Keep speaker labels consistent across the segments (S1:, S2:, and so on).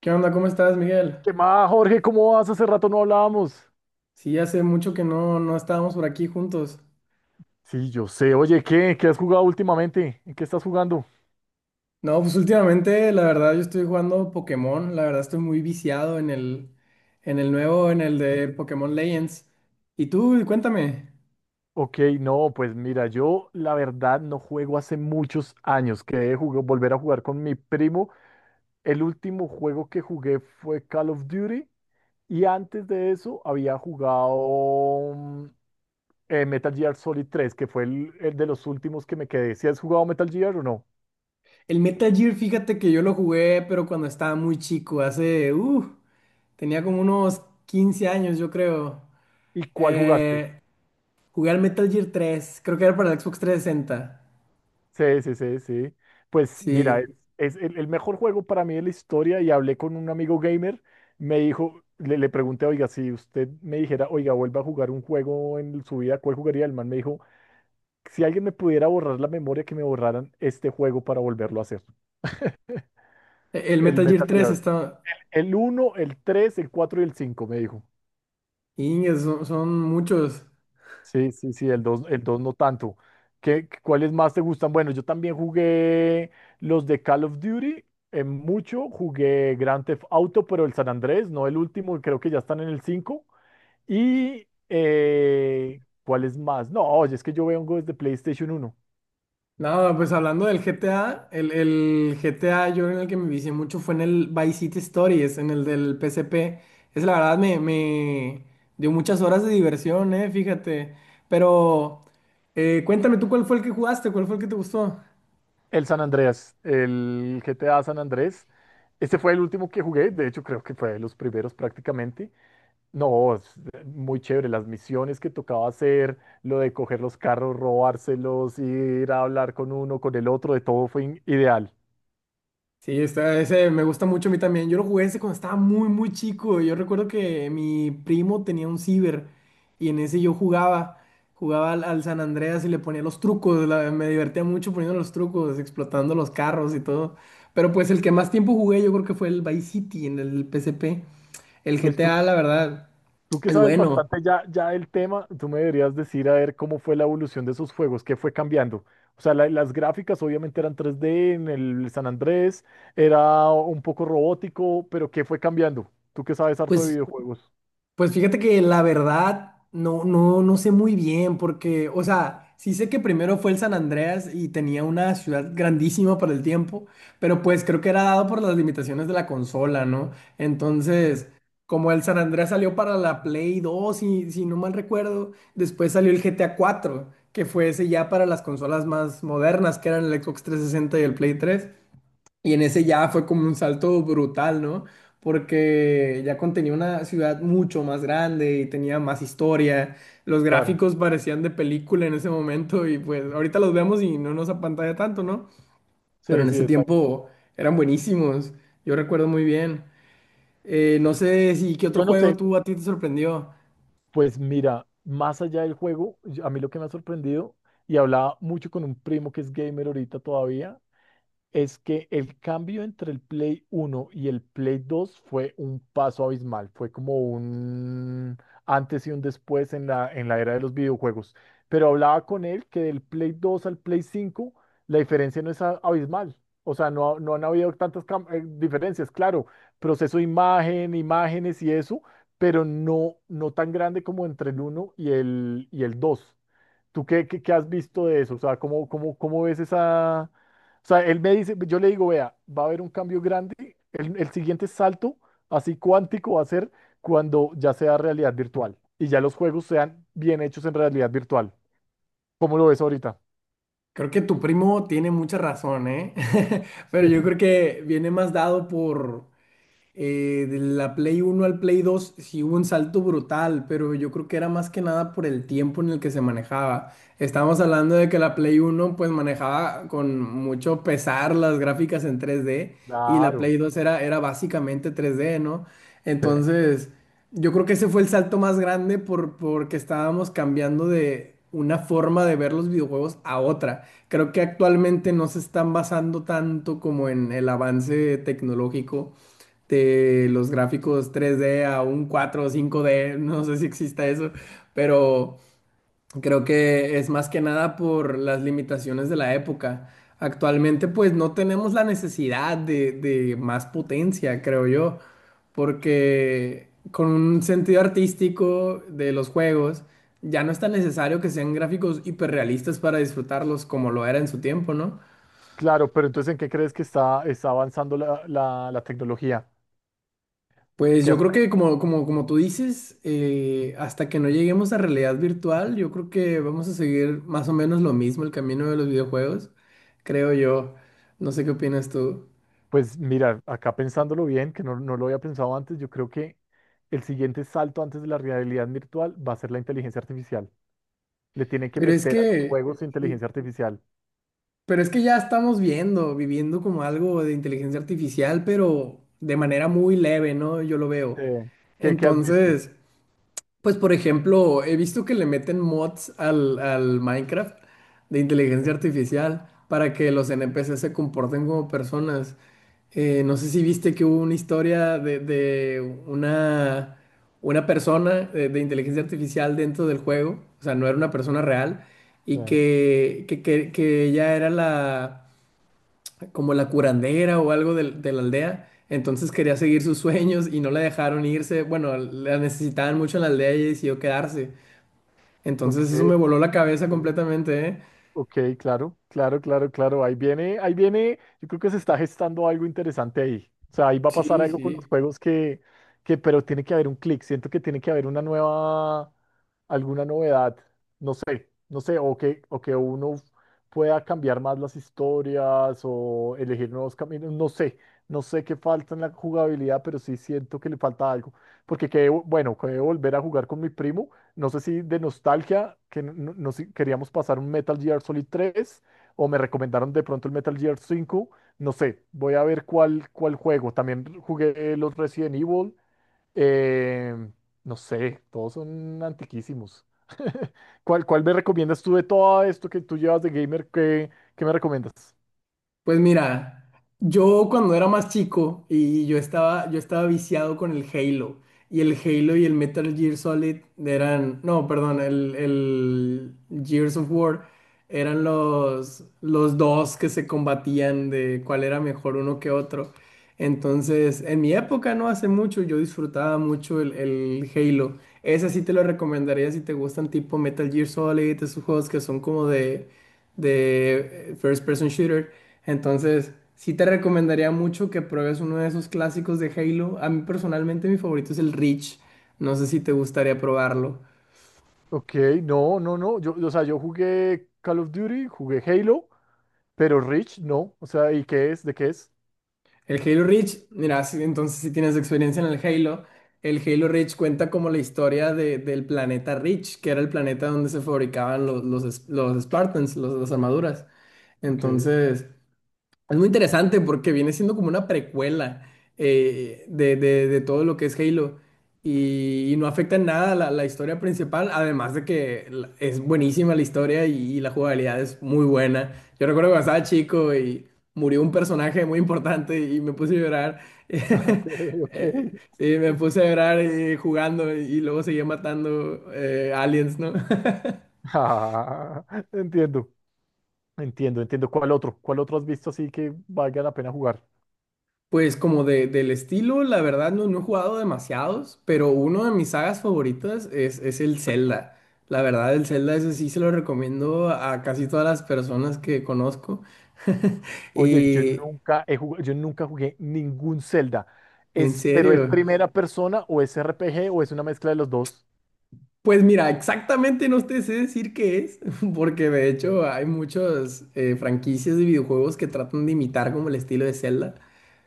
S1: ¿Qué onda? ¿Cómo estás, Miguel?
S2: ¿Qué más, Jorge? ¿Cómo vas? Hace rato no hablábamos.
S1: Sí, hace mucho que no estábamos por aquí juntos.
S2: Sí, yo sé. Oye, ¿qué? ¿Qué has jugado últimamente? ¿En qué estás jugando?
S1: No, pues últimamente, la verdad, yo estoy jugando Pokémon. La verdad, estoy muy viciado en el nuevo, en el de Pokémon Legends. Y tú, cuéntame.
S2: Ok, no, pues mira, yo la verdad no juego hace muchos años. Quedé de volver a jugar con mi primo. El último juego que jugué fue Call of Duty y antes de eso había jugado Metal Gear Solid tres, que fue el de los últimos que me quedé. ¿Si has jugado Metal Gear o no?
S1: El Metal Gear, fíjate que yo lo jugué, pero cuando estaba muy chico, tenía como unos 15 años, yo creo.
S2: ¿Y cuál jugaste?
S1: Eh, Jugué al Metal Gear 3, creo que era para el Xbox 360.
S2: Sí, sí, sí, sí. Pues mira, es,
S1: Sí,
S2: es el mejor juego para mí de la historia, y hablé con un amigo gamer, me dijo, le pregunté, oiga, si usted me dijera, oiga, vuelva a jugar un juego en su vida, ¿cuál jugaría? El man me dijo, si alguien me pudiera borrar la memoria, que me borraran este juego para volverlo a hacer.
S1: El
S2: El
S1: Metal Gear
S2: Metal
S1: 3
S2: Gear.
S1: está.
S2: El uno, el tres, el 4 y el cinco, me dijo.
S1: Iñes, son muchos.
S2: Sí, sí, sí, el 2 no tanto. ¿ cuáles más te gustan? Bueno, yo también jugué los de Call of Duty, en mucho jugué Grand Theft Auto, pero el San Andrés, no el último, creo que ya están en el 5. Y ¿cuáles más? No, oye, es que yo vengo desde PlayStation uno.
S1: Nada, pues hablando del GTA, el GTA yo en el que me vicié mucho fue en el Vice City Stories, en el del P S P. Es la verdad, me dio muchas horas de diversión, fíjate. Pero cuéntame tú cuál fue el que jugaste, cuál fue el que te gustó.
S2: El San Andreas, el GTA San Andrés. Este fue el último que jugué, de hecho creo que fue de los primeros prácticamente. No, es muy chévere. Las misiones que tocaba hacer, lo de coger los carros, robárselos, ir a hablar con uno, con el otro, de todo fue ideal.
S1: Sí, está, ese me gusta mucho a mí también. Yo lo jugué ese cuando estaba muy, muy chico. Yo recuerdo que mi primo tenía un ciber y en ese yo jugaba. Jugaba al San Andreas y le ponía los trucos. Me divertía mucho poniendo los trucos, explotando los carros y todo. Pero pues el que más tiempo jugué yo creo que fue el Vice City en el PSP. El
S2: Pues tú,
S1: GTA, la verdad,
S2: tú que
S1: es
S2: sabes
S1: bueno.
S2: bastante ya, del tema, tú me deberías decir a ver cómo fue la evolución de esos juegos, qué fue cambiando. O sea, las gráficas obviamente eran 3D en el San Andrés, era un poco robótico, pero qué fue cambiando. Tú que sabes harto de
S1: Pues
S2: videojuegos.
S1: Pues fíjate que la verdad no sé muy bien porque, o sea, sí sé que primero fue el San Andreas y tenía una ciudad grandísima para el tiempo, pero pues creo que era dado por las limitaciones de la consola, ¿no? Entonces, como el San Andreas salió para la Play 2 si no mal recuerdo, después salió el GTA 4 que fue ese ya para las consolas más modernas, que eran el Xbox trescientos sesenta y el Play 3, y en ese ya fue como un salto brutal, ¿no? Porque ya contenía una ciudad mucho más grande y tenía más historia. Los
S2: Claro.
S1: gráficos parecían de película en ese momento y pues ahorita los vemos y no nos apantalla tanto, ¿no? Pero
S2: Sí,
S1: en
S2: sí,
S1: ese
S2: exacto.
S1: tiempo eran buenísimos. Yo recuerdo muy bien. No sé si qué otro
S2: Yo no
S1: juego
S2: sé,
S1: tú a ti te sorprendió.
S2: pues mira, más allá del juego, a mí lo que me ha sorprendido, y hablaba mucho con un primo que es gamer ahorita todavía, es que el cambio entre el Play 1 y el Play 2 fue un paso abismal, fue como un antes y un después en la era de los videojuegos. Pero hablaba con él que del Play 2 al Play 5 la diferencia no es abismal. O sea, no han habido tantas diferencias, claro, proceso de imagen, imágenes y eso, pero no tan grande como entre el uno y el dos. ¿Tú qué has visto de eso? O sea, ¿cómo ves esa? O sea, él me dice, yo le digo, vea, va a haber un cambio grande, el siguiente salto, así cuántico, va a ser cuando ya sea realidad virtual y ya los juegos sean bien hechos en realidad virtual. ¿Cómo lo ves ahorita?
S1: Creo que tu primo tiene mucha razón, ¿eh? Pero yo creo que viene más dado por de la Play 1 al Play 2 sí hubo un salto brutal, pero yo creo que era más que nada por el tiempo en el que se manejaba. Estamos hablando de que la Play 1 pues manejaba con mucho pesar las gráficas en 3D, y la
S2: Claro,
S1: Play 2 era básicamente 3D, ¿no?
S2: sí,
S1: Entonces, yo creo que ese fue el salto más grande porque estábamos cambiando de una forma de ver los videojuegos a otra. Creo que actualmente no se están basando tanto como en el avance tecnológico, de los gráficos 3D a un 4 o 5D, no sé si exista eso, pero creo que es más que nada por las limitaciones de la época. Actualmente pues no tenemos la necesidad de más potencia, creo yo, porque con un sentido artístico de los juegos ya no es tan necesario que sean gráficos hiperrealistas para disfrutarlos como lo era en su tiempo, ¿no?
S2: claro, pero entonces, ¿en qué crees que está avanzando la tecnología? En
S1: Pues
S2: qué.
S1: yo creo que como tú dices, hasta que no lleguemos a realidad virtual, yo creo que vamos a seguir más o menos lo mismo, el camino de los videojuegos, creo yo. No sé qué opinas tú.
S2: Pues mira, acá pensándolo bien, que no lo había pensado antes, yo creo que el siguiente salto antes de la realidad virtual va a ser la inteligencia artificial. Le tienen que
S1: Pero es
S2: meter a los
S1: que,
S2: juegos
S1: sí,
S2: inteligencia artificial.
S1: pero es que ya estamos viviendo como algo de inteligencia artificial, pero de manera muy leve, ¿no? Yo lo veo.
S2: Sí. ¿Qué has visto?
S1: Entonces. Pues por ejemplo, he visto que le meten mods al Minecraft de inteligencia artificial para que los NPC se comporten como personas. No sé si viste que hubo una historia de una persona de inteligencia artificial dentro del juego, o sea, no era una persona real, y
S2: Sí.
S1: que ella era la como la curandera o algo de la aldea. Entonces quería seguir sus sueños y no la dejaron irse. Bueno, la necesitaban mucho en la aldea y decidió quedarse.
S2: Ok.
S1: Entonces eso me voló la cabeza completamente, ¿eh?
S2: Ok, claro, claro, claro, claro. Ahí viene, ahí viene. Yo creo que se está gestando algo interesante ahí. O sea, ahí va a pasar
S1: Sí,
S2: algo con los
S1: sí.
S2: juegos que, pero tiene que haber un clic. Siento que tiene que haber una nueva, alguna novedad. No sé, no sé, o que uno pueda cambiar más las historias o elegir nuevos caminos. No sé, no sé qué falta en la jugabilidad, pero sí siento que le falta algo. Porque, bueno, que voy a volver a jugar con mi primo, no sé si de nostalgia, que no, no sé, queríamos pasar un Metal Gear Solid 3 o me recomendaron de pronto el Metal Gear 5. No sé, voy a ver cuál juego. También jugué los Resident Evil. eh, no sé, todos son antiquísimos. ¿Cuál me recomiendas tú de todo esto que tú llevas de gamer? ¿Qué me recomiendas?
S1: Pues mira, yo cuando era más chico y yo estaba viciado con el Halo. Y el Halo y el Metal Gear Solid eran, no, perdón, el Gears of War eran los dos que se combatían de cuál era mejor uno que otro. Entonces, en mi época, no hace mucho, yo disfrutaba mucho el Halo. Ese sí te lo recomendaría si te gustan tipo Metal Gear Solid, esos juegos que son como de First Person Shooter. Entonces, sí te recomendaría mucho que pruebes uno de esos clásicos de Halo. A mí personalmente mi favorito es el Reach. No sé si te gustaría probarlo.
S2: Ok, no, no, no. Yo, o sea, yo jugué Call of Duty, jugué Halo, pero Reach no. O sea, ¿y qué es? ¿De qué es?
S1: El Halo Reach, mira, sí, entonces si tienes experiencia en el Halo Reach cuenta como la historia del planeta Reach, que era el planeta donde se fabricaban los Spartans, las armaduras.
S2: Ok,
S1: Entonces, es muy interesante porque viene siendo como una precuela, de todo lo que es Halo, y no afecta en nada la historia principal, además de que es buenísima la historia y la jugabilidad es muy buena. Yo recuerdo cuando estaba chico y murió un personaje muy importante y me puse a llorar.
S2: ok, ok.
S1: Sí, me puse a llorar jugando y luego seguía matando aliens, ¿no?
S2: Ah, entiendo, entiendo, entiendo. ¿Cuál otro? ¿Cuál otro has visto así que valga la pena jugar?
S1: Pues como del estilo, la verdad no he jugado demasiados, pero uno de mis sagas favoritas es el Zelda. La verdad, el Zelda ese sí se lo recomiendo a casi todas las personas que conozco.
S2: Oye, yo
S1: Y
S2: nunca he jugado, yo nunca jugué ningún Zelda.
S1: en
S2: Pero ¿es
S1: serio,
S2: primera persona o es RPG o es una mezcla de los dos?
S1: pues mira, exactamente no te sé decir qué es, porque de
S2: Ok.
S1: hecho hay muchas franquicias de videojuegos que tratan de imitar como el estilo de Zelda.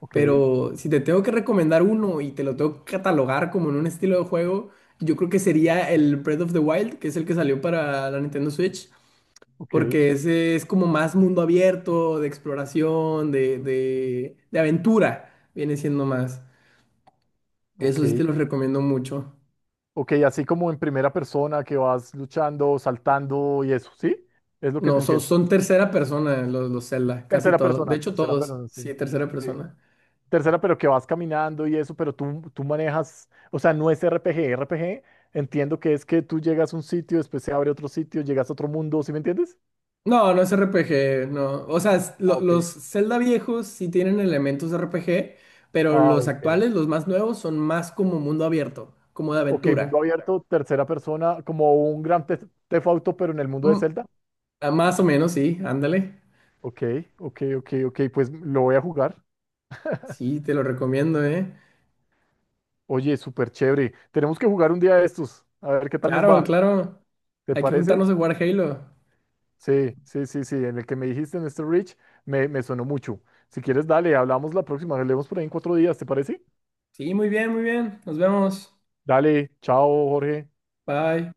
S2: Ok,
S1: Pero si te tengo que recomendar uno y te lo tengo que catalogar como en un estilo de juego, yo creo que sería el Breath of the Wild, que es el que salió para la Nintendo Switch,
S2: ok,
S1: porque ese es como más mundo abierto, de exploración, de aventura, viene siendo más.
S2: ok,
S1: Eso sí te los recomiendo mucho.
S2: ok, así como en primera persona que vas luchando, saltando y eso, ¿sí? Es lo que
S1: No,
S2: te
S1: son,
S2: entiendo.
S1: son tercera persona los Zelda, casi todos. De hecho,
S2: Tercera
S1: todos,
S2: persona, sí.
S1: sí, tercera
S2: Sí.
S1: persona.
S2: Tercera, pero que vas caminando y eso, pero tú manejas, o sea, no es RPG. RPG, entiendo que es que tú llegas a un sitio, después se abre otro sitio, llegas a otro mundo, ¿sí me entiendes?
S1: No, no es RPG, no. O sea,
S2: Ah, ok.
S1: los Zelda viejos sí tienen elementos de RPG, pero
S2: Ah,
S1: los
S2: ok.
S1: actuales, los más nuevos, son más como mundo abierto, como de
S2: Ok, mundo
S1: aventura.
S2: abierto, tercera persona, como un gran Theft Auto, pero en el mundo de
S1: Mm,
S2: Zelda.
S1: ah, más o menos, sí, ándale.
S2: Ok, ok, ok, ok, pues lo voy a jugar.
S1: Sí, te lo recomiendo, ¿eh?
S2: Oye, súper chévere. Tenemos que jugar un día de estos, a ver qué tal nos
S1: Claro,
S2: va.
S1: claro.
S2: ¿Te
S1: Hay que
S2: parece?
S1: juntarnos a jugar Halo.
S2: Sí, sí, sí, sí. En el que me dijiste en este Rich me sonó mucho. Si quieres, dale, hablamos la próxima. Nos vemos por ahí en cuatro días, ¿te parece?
S1: Sí, muy bien, muy bien. Nos vemos.
S2: Dale, chao, Jorge.
S1: Bye.